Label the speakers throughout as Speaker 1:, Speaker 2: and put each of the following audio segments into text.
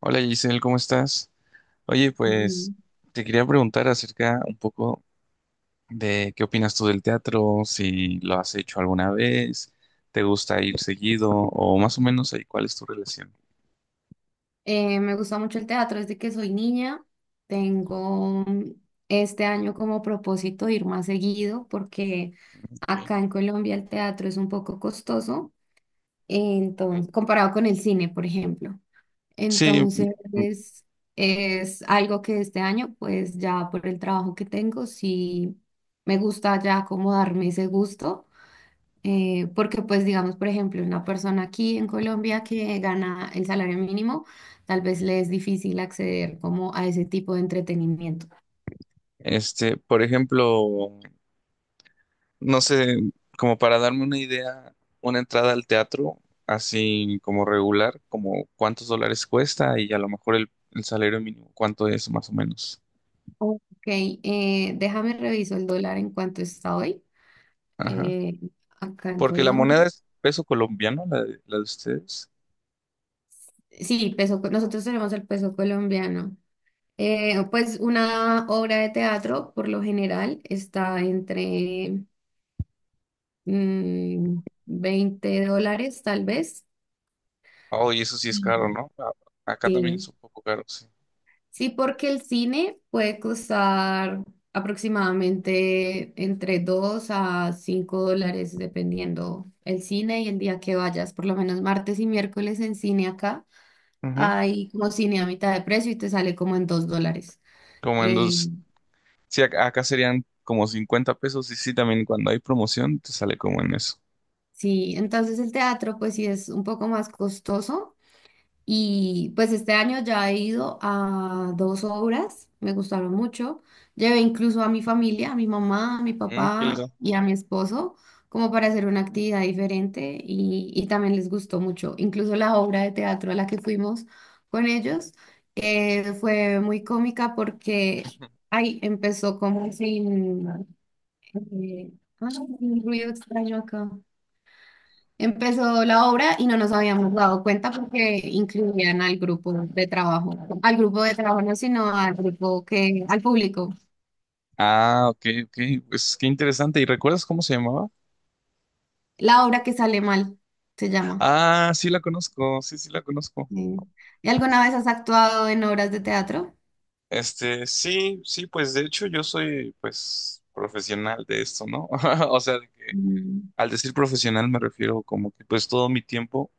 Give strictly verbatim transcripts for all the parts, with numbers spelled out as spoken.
Speaker 1: Hola Giselle, ¿cómo estás? Oye, pues
Speaker 2: Ujú.
Speaker 1: te quería preguntar acerca un poco de qué opinas tú del teatro, si lo has hecho alguna vez, te gusta ir seguido o más o menos ahí, ¿cuál es tu relación?
Speaker 2: Eh, me gusta mucho el teatro desde que soy niña. Tengo mm, este año como propósito ir más seguido porque
Speaker 1: Okay,
Speaker 2: acá en Colombia el teatro es un poco costoso,
Speaker 1: okay.
Speaker 2: entonces, comparado con el cine, por ejemplo.
Speaker 1: Sí,
Speaker 2: Entonces,
Speaker 1: mm,
Speaker 2: es, es algo que este año, pues ya por el trabajo que tengo, sí me gusta ya como darme ese gusto. Eh, porque pues digamos, por ejemplo, una persona aquí en Colombia que gana el salario mínimo, tal vez le es difícil acceder como a ese tipo de entretenimiento.
Speaker 1: este, por ejemplo, no sé, como para darme una idea, una entrada al teatro, así como regular, como cuántos dólares cuesta y a lo mejor el, el salario mínimo, cuánto es más o menos.
Speaker 2: Ok, eh, déjame reviso el dólar en cuanto está hoy, eh, acá en
Speaker 1: Porque la moneda
Speaker 2: Colombia.
Speaker 1: es peso colombiano, la de, la de ustedes.
Speaker 2: Sí, peso, co- nosotros tenemos el peso colombiano. Eh, pues una obra de teatro por lo general está entre mm, veinte dólares tal vez.
Speaker 1: Oh, y eso sí es caro,
Speaker 2: Mm.
Speaker 1: ¿no? A- Acá también es
Speaker 2: Sí.
Speaker 1: un poco caro, sí.
Speaker 2: Sí, porque el cine puede costar aproximadamente entre dos a cinco dólares, dependiendo el cine y el día que vayas. Por lo menos martes y miércoles en cine acá
Speaker 1: Ujú.
Speaker 2: hay como cine a mitad de precio y te sale como en dos dólares.
Speaker 1: Como en
Speaker 2: Eh,
Speaker 1: dos, sí, ac- acá serían como cincuenta pesos y sí, también cuando hay promoción te sale como en eso.
Speaker 2: sí, entonces el teatro pues sí es un poco más costoso. Y pues este año ya he ido a dos obras, me gustaron mucho. Llevé incluso a mi familia, a mi mamá, a mi
Speaker 1: Mm, ¿qué les
Speaker 2: papá
Speaker 1: da?
Speaker 2: y a mi esposo, como para hacer una actividad diferente y, y también les gustó mucho. Incluso la obra de teatro a la que fuimos con ellos eh, fue muy cómica porque ahí empezó como sin, eh, ah, un ruido extraño acá. Empezó la obra y no nos habíamos dado cuenta porque incluían al grupo de trabajo, al grupo de trabajo no, sino al grupo que, al público.
Speaker 1: Ah, ok, ok, pues qué interesante. ¿Y recuerdas cómo se llamaba?
Speaker 2: La obra que sale mal se llama.
Speaker 1: Ah, sí la conozco, sí, sí la conozco.
Speaker 2: Eh, ¿Y alguna vez has actuado en obras de teatro?
Speaker 1: Este, sí, sí, pues de hecho yo soy pues profesional de esto, ¿no? O sea, de que
Speaker 2: Mm.
Speaker 1: al decir profesional me refiero como que pues todo mi tiempo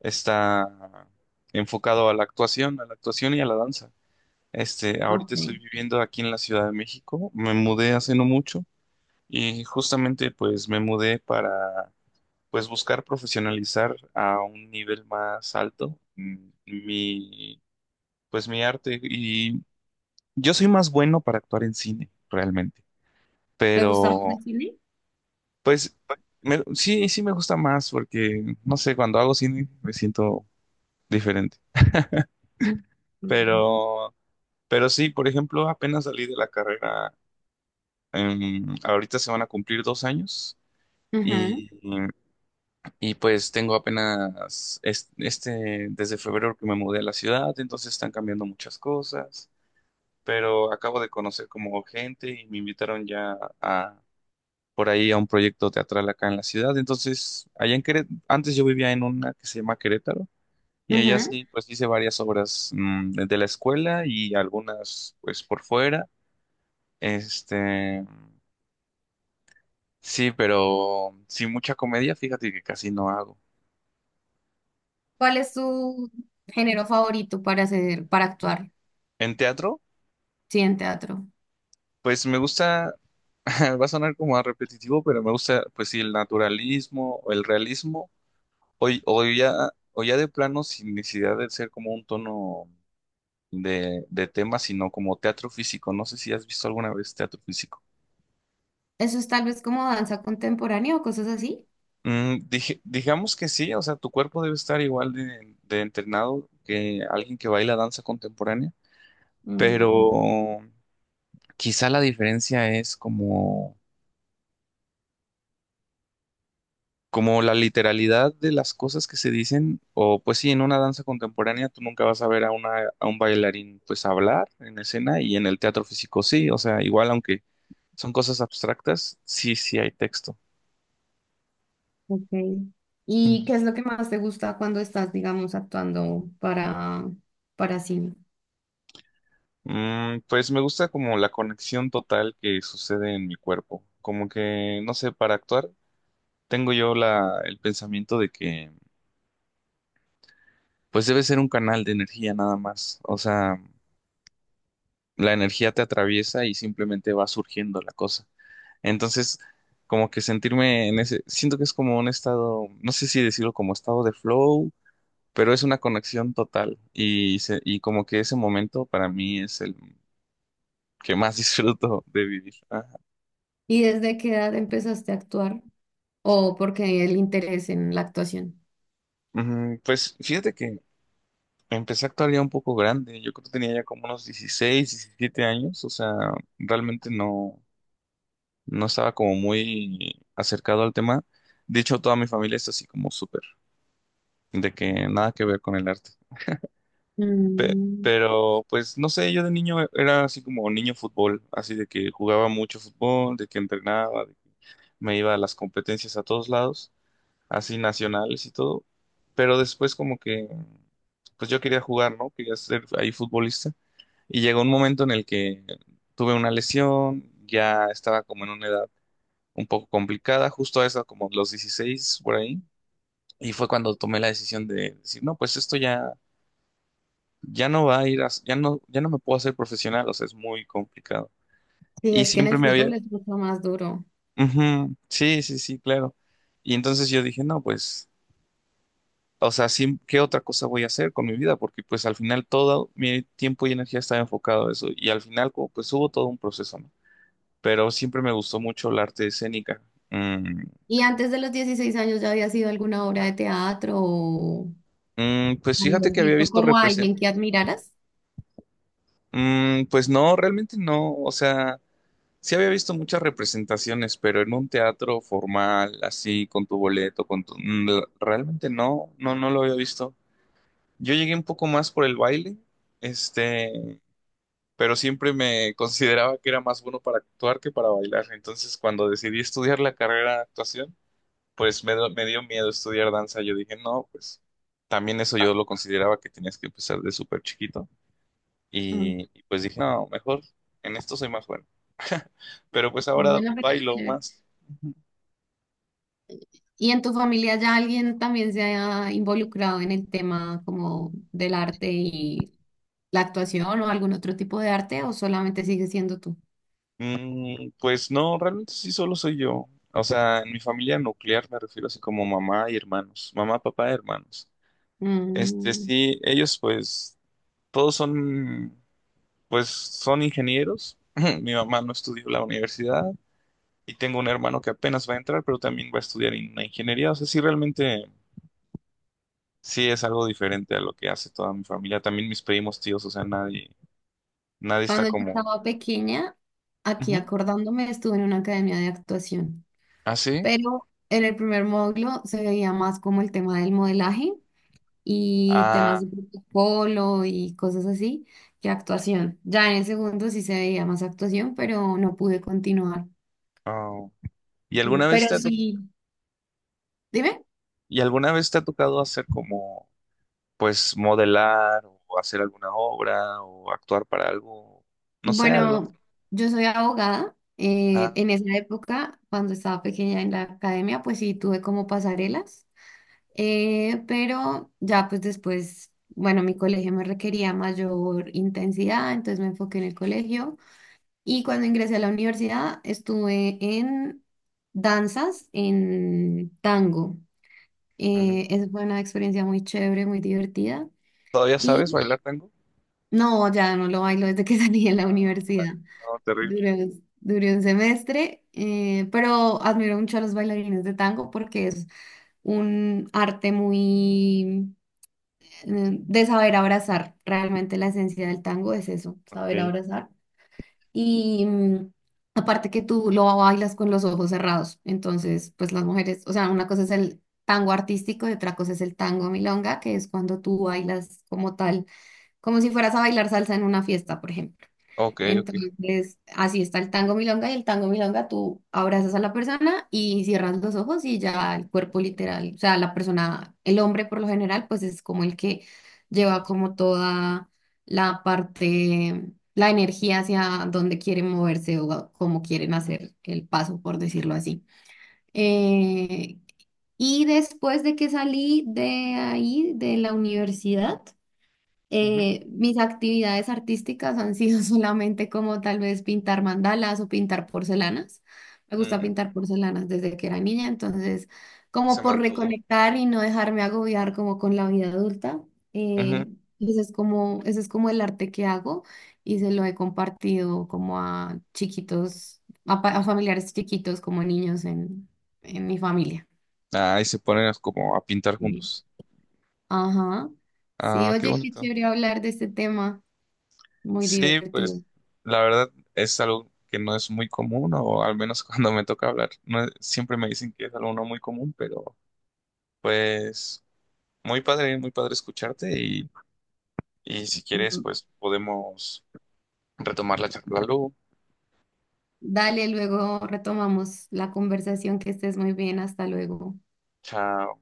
Speaker 1: está enfocado a la actuación, a la actuación y a la danza. Este, ahorita
Speaker 2: Ok.
Speaker 1: estoy viviendo aquí en la Ciudad de México, me mudé hace no mucho y justamente pues me mudé para pues buscar profesionalizar a un nivel más alto mm, mi pues mi arte y yo soy más bueno para actuar en cine realmente,
Speaker 2: ¿Te gusta más
Speaker 1: pero
Speaker 2: el cine?
Speaker 1: pues me- sí, sí me gusta más porque no sé, cuando hago cine me siento diferente,
Speaker 2: Mm.
Speaker 1: pero Pero sí, por ejemplo, apenas salí de la carrera, em, ahorita se van a cumplir dos años
Speaker 2: Ujú,
Speaker 1: y, y pues tengo apenas es- este, desde febrero que me mudé a la ciudad, entonces están cambiando muchas cosas, pero acabo de conocer como gente y me invitaron ya a por ahí a un proyecto teatral acá en la ciudad, entonces allá en Querétaro, antes yo vivía en una que se llama Querétaro. Y allá
Speaker 2: ujú.
Speaker 1: sí, pues hice varias obras, mm, de la escuela y algunas pues por fuera. Este, sí, pero sin mucha comedia, fíjate que casi no hago.
Speaker 2: ¿Cuál es tu género favorito para hacer, para actuar?
Speaker 1: En teatro,
Speaker 2: Sí, en teatro.
Speaker 1: pues me gusta, va a sonar como a repetitivo, pero me gusta, pues sí, el naturalismo o el realismo, o, y- o ya, o ya de plano sin necesidad de ser como un tono de, de tema, sino como teatro físico. No sé si has visto alguna vez teatro físico.
Speaker 2: Eso es tal vez como danza contemporánea o cosas así.
Speaker 1: Mm, dije- digamos que sí, o sea, tu cuerpo debe estar igual de, de entrenado que alguien que baila danza contemporánea, pero.
Speaker 2: Mm.
Speaker 1: Quizá la diferencia es como, como la literalidad de las cosas que se dicen, o pues sí, en una danza contemporánea tú nunca vas a ver a una, a un bailarín pues hablar en escena y en el teatro físico sí, o sea, igual aunque son cosas abstractas, sí, sí hay texto.
Speaker 2: Ok.
Speaker 1: Ujú.
Speaker 2: ¿Y qué es lo que más te gusta cuando estás, digamos, actuando para, para cine?
Speaker 1: Mm, pues me gusta como la conexión total que sucede en mi cuerpo, como que, no sé, para actuar tengo yo la, el pensamiento de que pues debe ser un canal de energía nada más, o sea... la energía te atraviesa y simplemente va surgiendo la cosa. Entonces, como que sentirme en ese, siento que es como un estado, no sé si decirlo como estado de flow, pero es una conexión total y, se- y como que ese momento para mí es el que más disfruto de vivir. Ajá.
Speaker 2: ¿Y desde qué edad empezaste a actuar? ¿O porque el interés en la actuación?
Speaker 1: Mm, Pues fíjate que empecé a actuar ya un poco grande, yo creo que tenía ya como unos dieciséis, diecisiete años, o sea, realmente no, no estaba como muy acercado al tema. De hecho, toda mi familia es así como súper, de que nada que ver con el arte. Pe-
Speaker 2: Mm.
Speaker 1: pero pues no sé, yo de niño, e-, era así como niño fútbol, así de que jugaba mucho fútbol, de que entrenaba, de que me iba a las competencias a todos lados, así nacionales y todo, pero después como que pues yo quería jugar, ¿no? Quería ser ahí futbolista y llegó un momento en el que tuve una lesión, ya estaba como en una edad un poco complicada, justo a esa como los dieciséis por ahí. Y fue cuando tomé la decisión de decir, no, pues esto ya, ya no va a ir a, ya no, ya no me puedo hacer profesional, o sea, es muy complicado.
Speaker 2: Sí,
Speaker 1: Y
Speaker 2: es que en
Speaker 1: siempre
Speaker 2: el
Speaker 1: me
Speaker 2: fútbol
Speaker 1: había...
Speaker 2: es mucho más duro.
Speaker 1: Ujú, sí, sí, sí, claro. Y entonces yo dije, no, pues, o sea, sí, ¿qué otra cosa voy a hacer con mi vida? Porque pues al final todo mi tiempo y energía estaba enfocado a eso. Y al final, como, pues hubo todo un proceso, ¿no? Pero siempre me gustó mucho el arte escénica. Mm,
Speaker 2: ¿Y antes de los dieciséis años ya había sido alguna obra de teatro o
Speaker 1: mm, pues fíjate
Speaker 2: habías
Speaker 1: que había
Speaker 2: visto
Speaker 1: visto
Speaker 2: como a
Speaker 1: represent...
Speaker 2: alguien que admiraras?
Speaker 1: Mm, pues no, realmente no, o sea... Sí había visto muchas representaciones, pero en un teatro formal, así, con tu boleto, con tu... mm, la- Realmente no, no, no lo había visto. Yo llegué un poco más por el baile, este, pero siempre me consideraba que era más bueno para actuar que para bailar. Entonces, cuando decidí estudiar la carrera de actuación, pues me, do- me dio miedo estudiar danza. Yo dije, no, pues también eso yo lo consideraba que tenías que empezar de súper chiquito.
Speaker 2: Mm.
Speaker 1: Y, y pues dije, no, mejor en esto soy más bueno. Pero pues ahora
Speaker 2: Bueno, pero
Speaker 1: bailo
Speaker 2: chévere.
Speaker 1: más.
Speaker 2: ¿Y en tu familia ya alguien también se ha involucrado en el tema como del arte y la actuación o algún otro tipo de arte o solamente sigue siendo tú?
Speaker 1: Mm, pues no, realmente sí solo soy yo. O sea, en mi familia nuclear me refiero así como mamá y hermanos, mamá, papá, hermanos. Este,
Speaker 2: Mm.
Speaker 1: sí, ellos pues todos son, pues son ingenieros. Mi mamá no estudió la universidad y tengo un hermano que apenas va a entrar, pero también va a estudiar en una ingeniería. O sea, sí, realmente sí es algo diferente a lo que hace toda mi familia. También mis primos, tíos, o sea, nadie, nadie está
Speaker 2: Cuando yo
Speaker 1: como,
Speaker 2: estaba pequeña, aquí
Speaker 1: así.
Speaker 2: acordándome, estuve en una academia de actuación,
Speaker 1: ¿Ah, sí?
Speaker 2: pero en el primer módulo se veía más como el tema del modelaje y temas
Speaker 1: Ah,
Speaker 2: de protocolo y cosas así que actuación. Ya en el segundo sí se veía más actuación, pero no pude continuar.
Speaker 1: oh. ¿Y
Speaker 2: Sí,
Speaker 1: alguna vez
Speaker 2: Pero
Speaker 1: te ha
Speaker 2: sí. Dime.
Speaker 1: ¿Y alguna vez te ha tocado hacer como, pues, modelar o hacer alguna obra o actuar para algo? No sé, algo.
Speaker 2: Bueno, yo soy abogada. Eh,
Speaker 1: Ah,
Speaker 2: en esa época, cuando estaba pequeña en la academia, pues sí tuve como pasarelas, eh, pero ya pues después, bueno, mi colegio me requería mayor intensidad, entonces me enfoqué en el colegio y cuando ingresé a la universidad estuve en danzas, en tango.
Speaker 1: mm.
Speaker 2: Eh, esa fue una experiencia muy chévere, muy divertida
Speaker 1: ¿Todavía sabes
Speaker 2: y
Speaker 1: bailar tango?
Speaker 2: no, ya no lo bailo desde que salí de la
Speaker 1: Ah,
Speaker 2: universidad.
Speaker 1: vale. No, terrible.
Speaker 2: Duré, duré un semestre, eh, pero admiro mucho a los bailarines de tango porque es un arte muy eh, de saber abrazar. Realmente la esencia del
Speaker 1: Mm,
Speaker 2: tango es eso, saber
Speaker 1: ok,
Speaker 2: abrazar. Y mm, aparte que tú lo bailas con los ojos cerrados, entonces pues las mujeres, o sea, una cosa es el tango artístico y otra cosa es el tango milonga, que es cuando tú bailas como tal, como si fueras a bailar salsa en una fiesta, por ejemplo.
Speaker 1: ok, ok.
Speaker 2: Entonces, así está el tango milonga y el tango milonga, tú abrazas a la persona y cierras los ojos y ya el cuerpo literal, o sea, la persona, el hombre por lo general, pues es como el que lleva como toda la parte, la energía hacia donde quieren moverse o a- cómo quieren hacer el paso, por decirlo así. Eh, y después de que salí de ahí, de la universidad,
Speaker 1: Ujú.
Speaker 2: eh, mis actividades artísticas han sido solamente como tal vez pintar mandalas o pintar porcelanas. Me gusta
Speaker 1: Mm,
Speaker 2: pintar porcelanas desde que era niña, entonces
Speaker 1: se
Speaker 2: como por
Speaker 1: mantuvo.
Speaker 2: reconectar y no dejarme agobiar como con la vida adulta.
Speaker 1: Ujú.
Speaker 2: eh, ese es como, ese es como el arte que hago y se lo he compartido como a chiquitos, a, pa- a familiares chiquitos como niños en, en mi familia.
Speaker 1: Ah, y se ponen a- como a pintar
Speaker 2: Sí.
Speaker 1: juntos.
Speaker 2: Ajá. Sí,
Speaker 1: Ah, qué
Speaker 2: oye, qué
Speaker 1: bonito.
Speaker 2: chévere hablar de este tema, muy
Speaker 1: Sí,
Speaker 2: divertido.
Speaker 1: pues, la verdad es algo que no es muy común, o al menos cuando me toca hablar, no es- siempre me dicen que es algo no muy común, pero pues. Muy padre, muy padre escucharte y, y si quieres,
Speaker 2: Mm.
Speaker 1: pues podemos retomar la charla luego.
Speaker 2: Dale, luego retomamos la conversación, que estés muy bien, hasta luego.
Speaker 1: Chao.